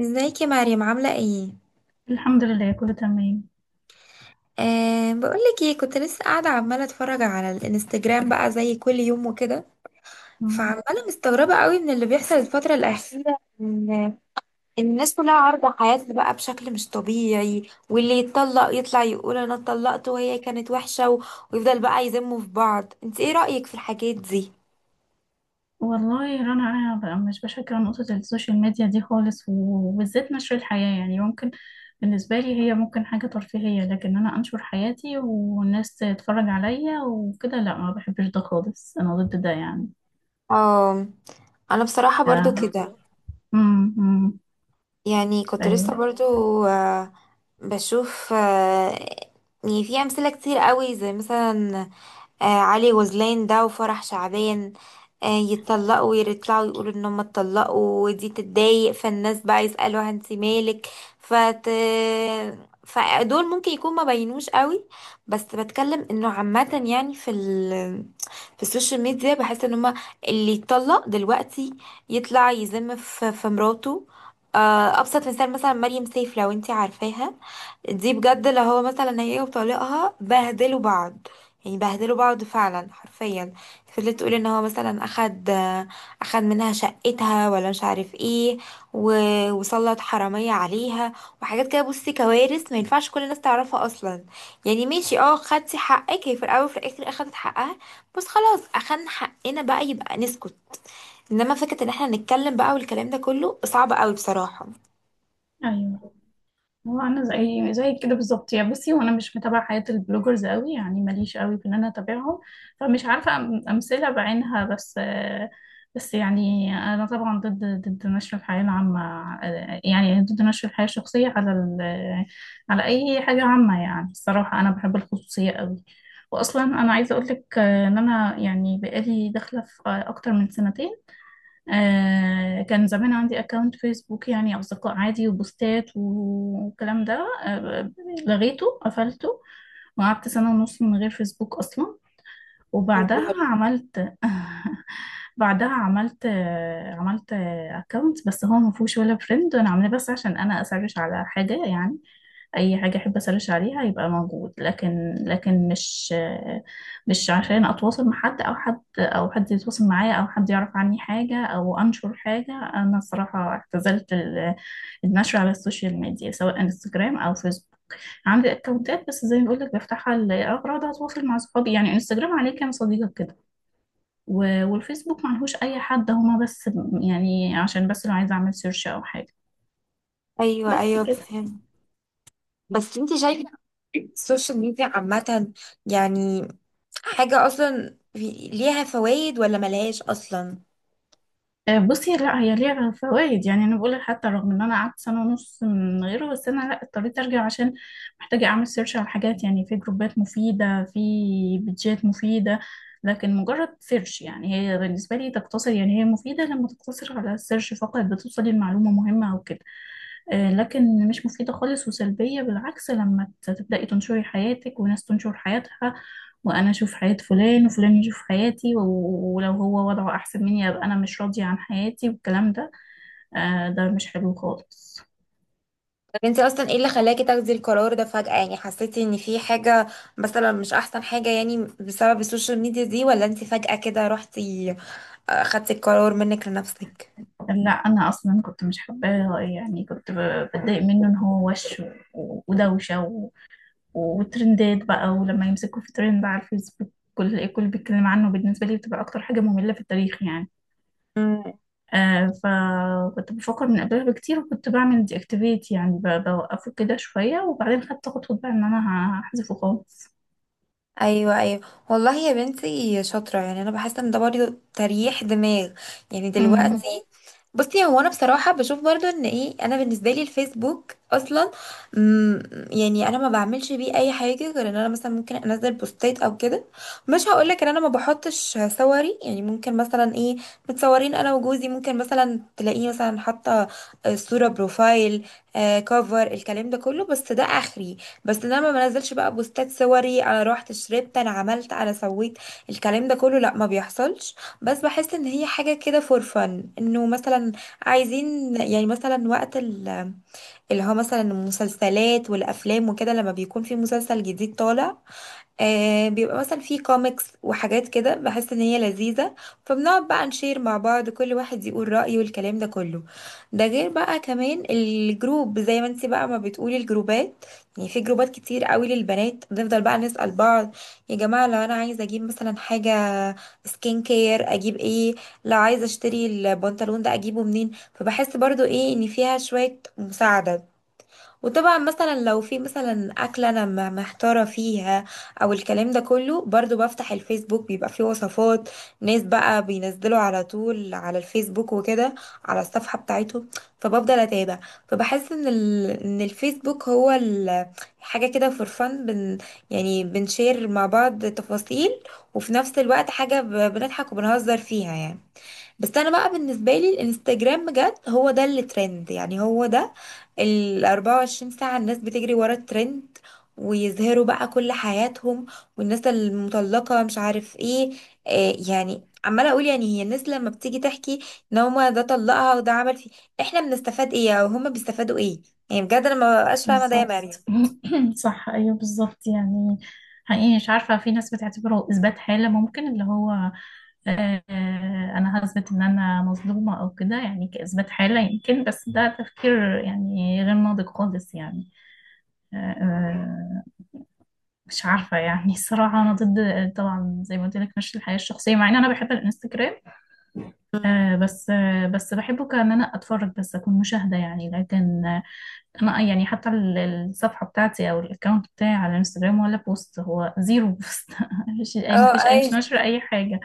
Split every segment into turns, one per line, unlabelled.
ازيك يا مريم عاملة ايه؟
الحمد لله، كله تمام.
أه بقولك ايه، كنت لسه قاعدة عمالة اتفرج على الانستجرام بقى زي كل يوم وكده.
مم.
فعمالة مستغربة قوي من اللي بيحصل الفترة الأخيرة إن الناس كلها عارضة حياتها بقى بشكل مش طبيعي، واللي يتطلق يطلع يقول انا اتطلقت وهي كانت وحشة، ويفضل بقى يذموا في بعض. انت ايه رأيك في الحاجات دي؟
والله رنا، انا بقى مش بشجع نقطة السوشيال ميديا دي خالص، وبالذات نشر الحياة. يعني ممكن بالنسبة لي هي ممكن حاجة ترفيهية، لكن انا انشر حياتي والناس تتفرج عليا وكده؟ لا، ما بحبش ده خالص، انا ضد ده يعني.
اه، انا بصراحة برضو
ف-
كده،
مم. مم.
يعني كنت لسه
ايوه
برضو آه، بشوف. يعني في أمثلة كتير قوي، زي مثلا علي غزلان ده وفرح شعبان. يتطلقوا ويطلعوا يقولوا ان هم اتطلقوا ودي تتضايق، فالناس بقى يسألوا انت مالك. فت... فدول ممكن يكون ما بينوش قوي، بس بتكلم انه عامة، يعني في السوشيال ميديا بحس ان هم اللي يتطلق دلوقتي يطلع يذم في مراته. ابسط مثال مثلا مريم سيف، لو انت عارفاها. دي بجد لو هو مثلا، هي وطليقها بهدلوا بعض، يعني بهدلوا بعض فعلا حرفيا. فضلت تقول ان هو مثلا اخد منها شقتها ولا مش عارف ايه، و... وسلط حرامية عليها وحاجات كده. بصي كوارث، ما ينفعش كل الناس تعرفها اصلا. يعني ماشي، اه، خدتي حقك، هي في الاول وفي الاخر اخدت حقها، بس خلاص اخدنا حقنا بقى يبقى نسكت. انما فكرة ان احنا نتكلم بقى والكلام ده كله صعب قوي بصراحة.
ايوه. هو انا زي كده بالظبط يا بصي، وانا مش متابعه حياه البلوجرز قوي، يعني ماليش قوي في ان انا اتابعهم، فمش عارفه امثله بعينها. بس بس يعني انا طبعا ضد نشر الحياه العامه، يعني ضد نشر الحياه الشخصيه على على اي حاجه عامه. يعني الصراحه انا بحب الخصوصيه قوي. واصلا انا عايزه اقول لك ان انا يعني بقالي داخله في اكتر من سنتين. آه، كان زمان عندي اكونت فيسبوك، يعني اصدقاء عادي وبوستات والكلام ده. آه، لغيته قفلته، وقعدت سنة ونص من غير فيسبوك اصلا. وبعدها
بتهزري؟
عملت بعدها عملت عملت اكونت، بس هو ما فيهوش ولا فريند، وانا عاملاه بس عشان انا اسرش على حاجه يعني. اي حاجه احب اسرش عليها يبقى موجود، لكن مش مش عشان اتواصل مع حد، او حد، او حد يتواصل معايا، او حد يعرف عني حاجه، او انشر حاجه. انا الصراحه اعتزلت النشر على السوشيال ميديا، سواء انستجرام او فيسبوك. عندي اكونتات بس زي ما بقول لك بفتحها لاغراض اتواصل مع صحابي، يعني انستجرام عليه كام صديقه كده، والفيسبوك معلهوش اي حد، هما بس، يعني عشان بس لو عايزه اعمل سيرش او حاجه.
ايوه
بس
ايوه
كده.
فهمت. بس انت شايفه السوشيال ميديا عامه، يعني حاجة أصلا ليها فوائد ولا ملهاش أصلا؟
آه، بصي، لا هي ليها فوائد، يعني انا بقول لك حتى رغم ان انا قعدت سنه ونص من غيره، بس انا لا اضطريت ارجع، عشان محتاجه اعمل سيرش على حاجات. يعني في جروبات مفيده، في بيدجات مفيده، لكن مجرد سيرش. يعني هي بالنسبه لي تقتصر، يعني هي مفيده لما تقتصر على السيرش فقط، بتوصلي لمعلومه مهمه او كده. آه، لكن مش مفيدة خالص وسلبية بالعكس لما تبدأي تنشري حياتك وناس تنشر حياتها، وانا اشوف حياة فلان وفلان يشوف حياتي، ولو هو وضعه احسن مني ابقى انا مش راضية عن حياتي والكلام ده. آه، ده مش حلو خالص.
طب انت أصلا ايه اللي خلاكي تاخدي القرار ده فجأة؟ يعني حسيتي ان في حاجة مثلا مش أحسن حاجة يعني بسبب السوشيال ميديا دي، ولا انت فجأة كده رحتي، خدتي القرار منك لنفسك؟
لا انا اصلا كنت مش حباه، يعني كنت بتضايق منه، ان هو وش ودوشة وترندات بقى، ولما يمسكوا في ترند على الفيسبوك كل الكل بيتكلم عنه، بالنسبة لي بتبقى اكتر حاجة مملة في التاريخ يعني.
مم.
آه، فكنت بفكر من قبلها بكتير، وكنت بعمل دي اكتيفيت، يعني بوقفه كده شوية، وبعدين خدت خطوة بقى ان انا هحذفه خالص.
ايوه ايوه، والله يا بنتي شاطره، يعني انا بحس ان ده برضه تريح دماغ يعني
امم،
دلوقتي. بصي، هو انا بصراحه بشوف برضو ان ايه، انا بالنسبه لي الفيسبوك اصلا، مم، يعني انا ما بعملش بيه اي حاجه غير ان انا مثلا ممكن انزل بوستات او كده. مش هقولك ان انا ما بحطش صوري، يعني ممكن مثلا ايه، متصورين انا وجوزي، ممكن مثلا تلاقيه مثلا حاطه صوره بروفايل. آه، كفر الكلام ده كله، بس ده اخري. بس إن انا ما بنزلش بقى بوستات صوري، انا رحت شربت، انا عملت، انا سويت، الكلام ده كله لا، ما بيحصلش. بس بحس ان هي حاجة كده فور فن، انه مثلا عايزين يعني مثلا اللي هو مثلا المسلسلات والافلام وكده، لما بيكون في مسلسل جديد طالع، آه، بيبقى مثلا في كوميكس وحاجات كده، بحس ان هي لذيذة. فبنقعد بقى نشير مع بعض، كل واحد يقول رأيه والكلام ده كله. ده غير بقى كمان الجروب زي ما انت بقى ما بتقولي، الجروبات، يعني في جروبات كتير قوي للبنات، بنفضل بقى نسأل بعض يا جماعة، لو انا عايزة اجيب مثلا حاجة سكين كير اجيب ايه، لو عايزة اشتري البنطلون ده اجيبه منين. فبحس برضو ايه، ان فيها شوية مساعدة. وطبعا مثلا لو في مثلا اكله انا محتاره فيها او الكلام ده كله، برضو بفتح الفيسبوك بيبقى فيه وصفات، ناس بقى بينزلوا على طول على الفيسبوك وكده، على الصفحه بتاعتهم، فبفضل اتابع. فبحس ان ان الفيسبوك هو حاجه كده فور فن، يعني بنشير مع بعض تفاصيل، وفي نفس الوقت حاجه بنضحك وبنهزر فيها يعني. بس انا بقى بالنسبه لي الانستجرام بجد هو ده اللي ترند، يعني هو ده. ال 24 ساعه الناس بتجري ورا الترند، ويظهروا بقى كل حياتهم، والناس المطلقه مش عارف ايه. آه يعني عماله اقول، يعني هي الناس لما بتيجي تحكي ان هما ده طلقها وده عمل فيه، احنا بنستفاد ايه او هما بيستفادوا ايه؟ يعني بجد انا ما بقاش فاهمه ده يا
بالظبط.
مريم.
صح، ايوه بالظبط يعني. حقيقي مش عارفه، في ناس بتعتبره اثبات حاله، ممكن اللي هو، آه، انا هثبت ان انا مظلومه او كده، يعني كاثبات حاله يمكن، بس ده تفكير يعني غير ناضج خالص يعني. آه، مش عارفه يعني الصراحه انا ضد، طبعا زي ما قلت لك، مش الحياه الشخصيه، مع ان انا بحب الانستجرام.
مم.
بس بحبه كان انا اتفرج بس، اكون مشاهده يعني، لكن انا يعني حتى الصفحه بتاعتي او الاكونت بتاعي على الانستجرام، ولا بوست، هو زيرو بوست مفيش اي مفيش
اه
اي
اي
مش ناشره اي حاجه.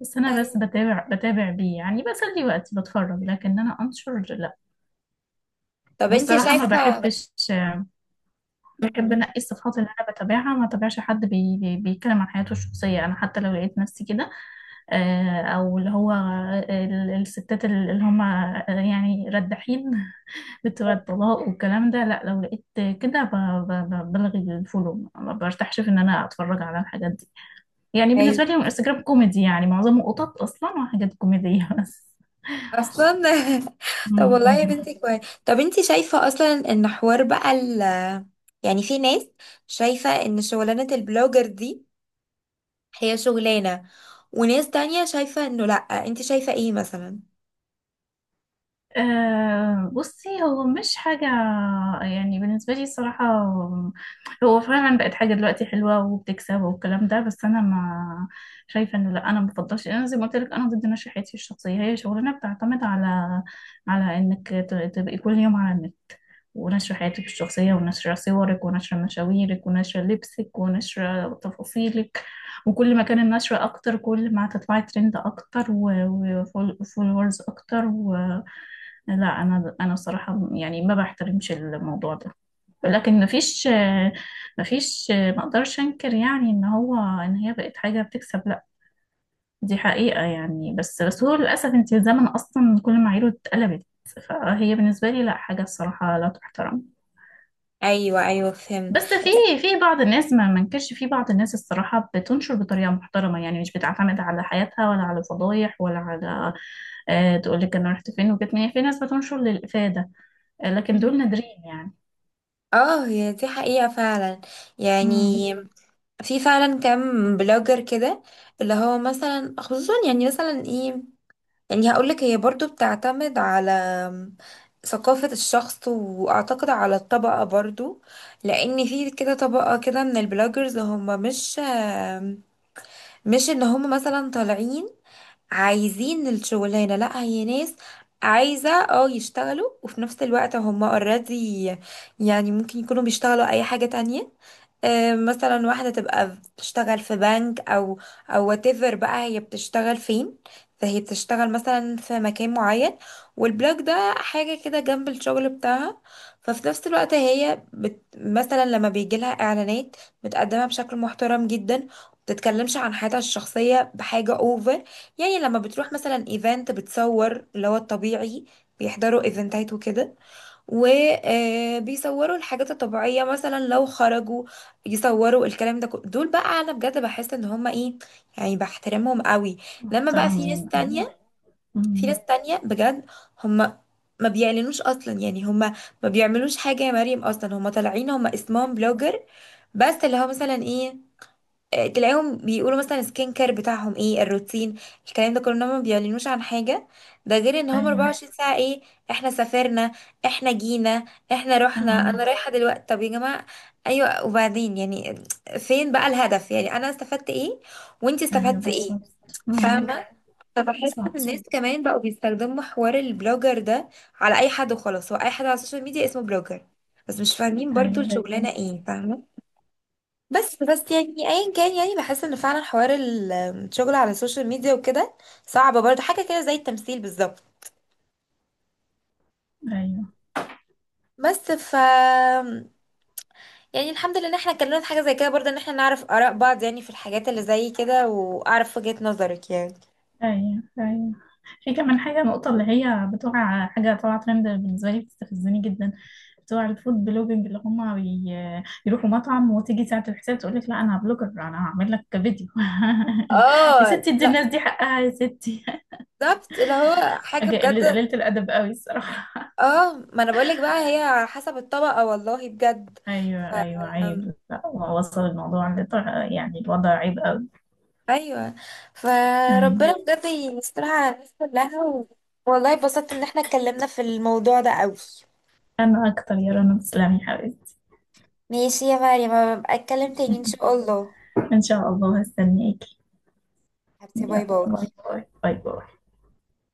بس انا
اي.
بس بتابع بيه يعني، بسلي وقتي بتفرج، لكن انا انشر لا.
طب انت
والصراحه ما
شايفه؟
بحبش، بحب
مم.
انقي الصفحات اللي انا بتابعها. ما تابعش حد بي بي بيتكلم عن حياته الشخصيه. انا حتى لو لقيت نفسي كده، او اللي هو الستات اللي هم، يعني ردحين، فكرة بقى الطلاق والكلام ده، لا، لو لقيت كده بلغي الفولو، ما برتاحش في ان انا اتفرج على الحاجات دي. يعني
ايوه.
بالنسبة لي الانستجرام كوميدي، يعني معظمه قطط اصلا وحاجات كوميدية بس
اصلا! طب والله يا بنتي كويس. طب انتي شايفة اصلا ان حوار بقى ال، يعني في ناس شايفة ان شغلانة البلوجر دي هي شغلانة، وناس تانية شايفة انه لأ، انتي شايفة ايه مثلا؟
أه، بصي، هو مش حاجة، يعني بالنسبة لي الصراحة هو فعلا بقت حاجة دلوقتي حلوة وبتكسب والكلام ده، بس أنا ما شايفة إنه، لأ، أنا مبفضلش، أنا زي ما قلت لك أنا ضد نشرحيتي الشخصية. هي شغلانة بتعتمد على، على إنك تبقي كل يوم على النت، ونشر حياتك الشخصية ونشر صورك ونشر مشاويرك ونشر لبسك ونشر تفاصيلك، وكل ما كان النشر أكتر كل ما هتطلعي ترند أكتر وفولورز أكتر. لا، انا الصراحه يعني ما بحترمش الموضوع ده، لكن مفيش، مفيش ما اقدرش انكر يعني ان هو ان هي بقت حاجه بتكسب، لا دي حقيقه يعني، بس بس هو للاسف انت الزمن اصلا كل معاييره اتقلبت، فهي بالنسبه لي لا حاجه الصراحه لا تحترم.
ايوه ايوه فهمت.
بس في، في بعض الناس، ما منكرش في بعض الناس الصراحه بتنشر بطريقه محترمه، يعني مش بتعتمد على حياتها ولا على فضايح ولا على، آه، تقول لك انا رحت فين وجيت منين، في ناس بتنشر للافاده، آه، لكن
مم.
دول نادرين يعني.
اه، هي دي حقيقة فعلا، يعني
امم،
في فعلا كام بلوجر كده، اللي هو مثلا خصوصا يعني مثلا ايه، يعني هقولك هي برضو بتعتمد على ثقافة الشخص، وأعتقد على الطبقة برضو. لأن في كده طبقة كده من البلوجرز هم مش إن هم مثلا طالعين عايزين الشغلانة، لأ هي ناس عايزة اه يشتغلوا، وفي نفس الوقت هم اوريدي، يعني ممكن يكونوا بيشتغلوا أي حاجة تانية. آه، مثلا واحدة تبقى بتشتغل في بنك، أو whatever بقى هي بتشتغل فين. فهي بتشتغل مثلا في مكان معين، والبلوك ده حاجة كده جنب الشغل بتاعها. ففي نفس الوقت هي بت مثلا لما بيجيلها إعلانات بتقدمها بشكل محترم جدا، بتتكلمش عن حياتها الشخصية بحاجة اوفر. يعني لما بتروح مثلا ايفنت بتصور اللي هو الطبيعي، بيحضروا ايفنتات وكده وبيصوروا الحاجات الطبيعية، مثلا لو خرجوا يصوروا الكلام ده كله. دول بقى انا بجد بحس ان هما ايه، يعني بحترمهم قوي. لما بقى في ناس
محترمين، أيوة.
تانية، في
امم.
ناس تانية بجد، هما ما بيعلنوش اصلا، يعني هما ما بيعملوش حاجة يا مريم اصلا، هما طالعين هما اسمهم بلوجر، بس اللي هو مثلا ايه، آه، تلاقيهم بيقولوا مثلا السكين كير بتاعهم ايه، الروتين، الكلام ده كله، إنهم ما بيعلنوش عن حاجة. ده غير ان هم
أيوة.
24 ساعة ايه، احنا سافرنا، احنا جينا، احنا رحنا، انا
أم.
رايحة دلوقتي. طب يا جماعة ايوه وبعدين، يعني فين بقى الهدف؟ يعني انا استفدت ايه وانتي
أيوة
استفدتي ايه؟
بالظبط. امم.
فاهمة؟ فبحس ان
صح.
الناس كمان بقوا بيستخدموا حوار البلوجر ده على اي حد وخلاص، هو اي حد على السوشيال ميديا اسمه بلوجر، بس مش فاهمين برضو
أيوة.
الشغلانة ايه، فاهمة؟ بس يعني ايا كان، يعني بحس ان فعلا حوار الشغل على السوشيال ميديا وكده صعب برضه، حاجه كده زي التمثيل بالظبط.
أيوة.
بس ف، يعني الحمد لله ان احنا اتكلمنا في حاجه زي كده برضه، ان احنا نعرف اراء بعض يعني في الحاجات اللي زي كده، واعرف وجهة نظرك يعني.
أيوة. أيوة. في كمان حاجة، النقطة اللي هي بتوع حاجة طالعة ترند، بالنسبة لي بتستفزني جدا، بتوع الفود بلوجينج، اللي هما بي... يروحوا مطعم وتيجي ساعة الحساب تقول لك لا أنا بلوجر أنا هعمل لك فيديو يا
اه
ستي ادي
لا،
الناس دي حقها يا ستي
بالظبط، اللي هو حاجه
حاجة
بجد.
قليلة الأدب قوي الصراحة.
اه، ما انا بقولك بقى هي على حسب الطبقه، والله بجد. ف...
أيوة أيوة، عيب، لا وصل الموضوع لطر... يعني الوضع عيب قوي.
ايوه.
أيوة.
فربنا بجد يسترها على الناس كلها، والله اتبسطت ان احنا اتكلمنا في الموضوع ده قوي.
أنا أكتر يا رنا، تسلمي يا حبيبتي.
ماشي يا مريم، أبقى اتكلم تاني ان شاء الله.
إن شاء الله، هستناكي.
حبيبتي، باي
يلا،
باي.
باي باي، باي باي.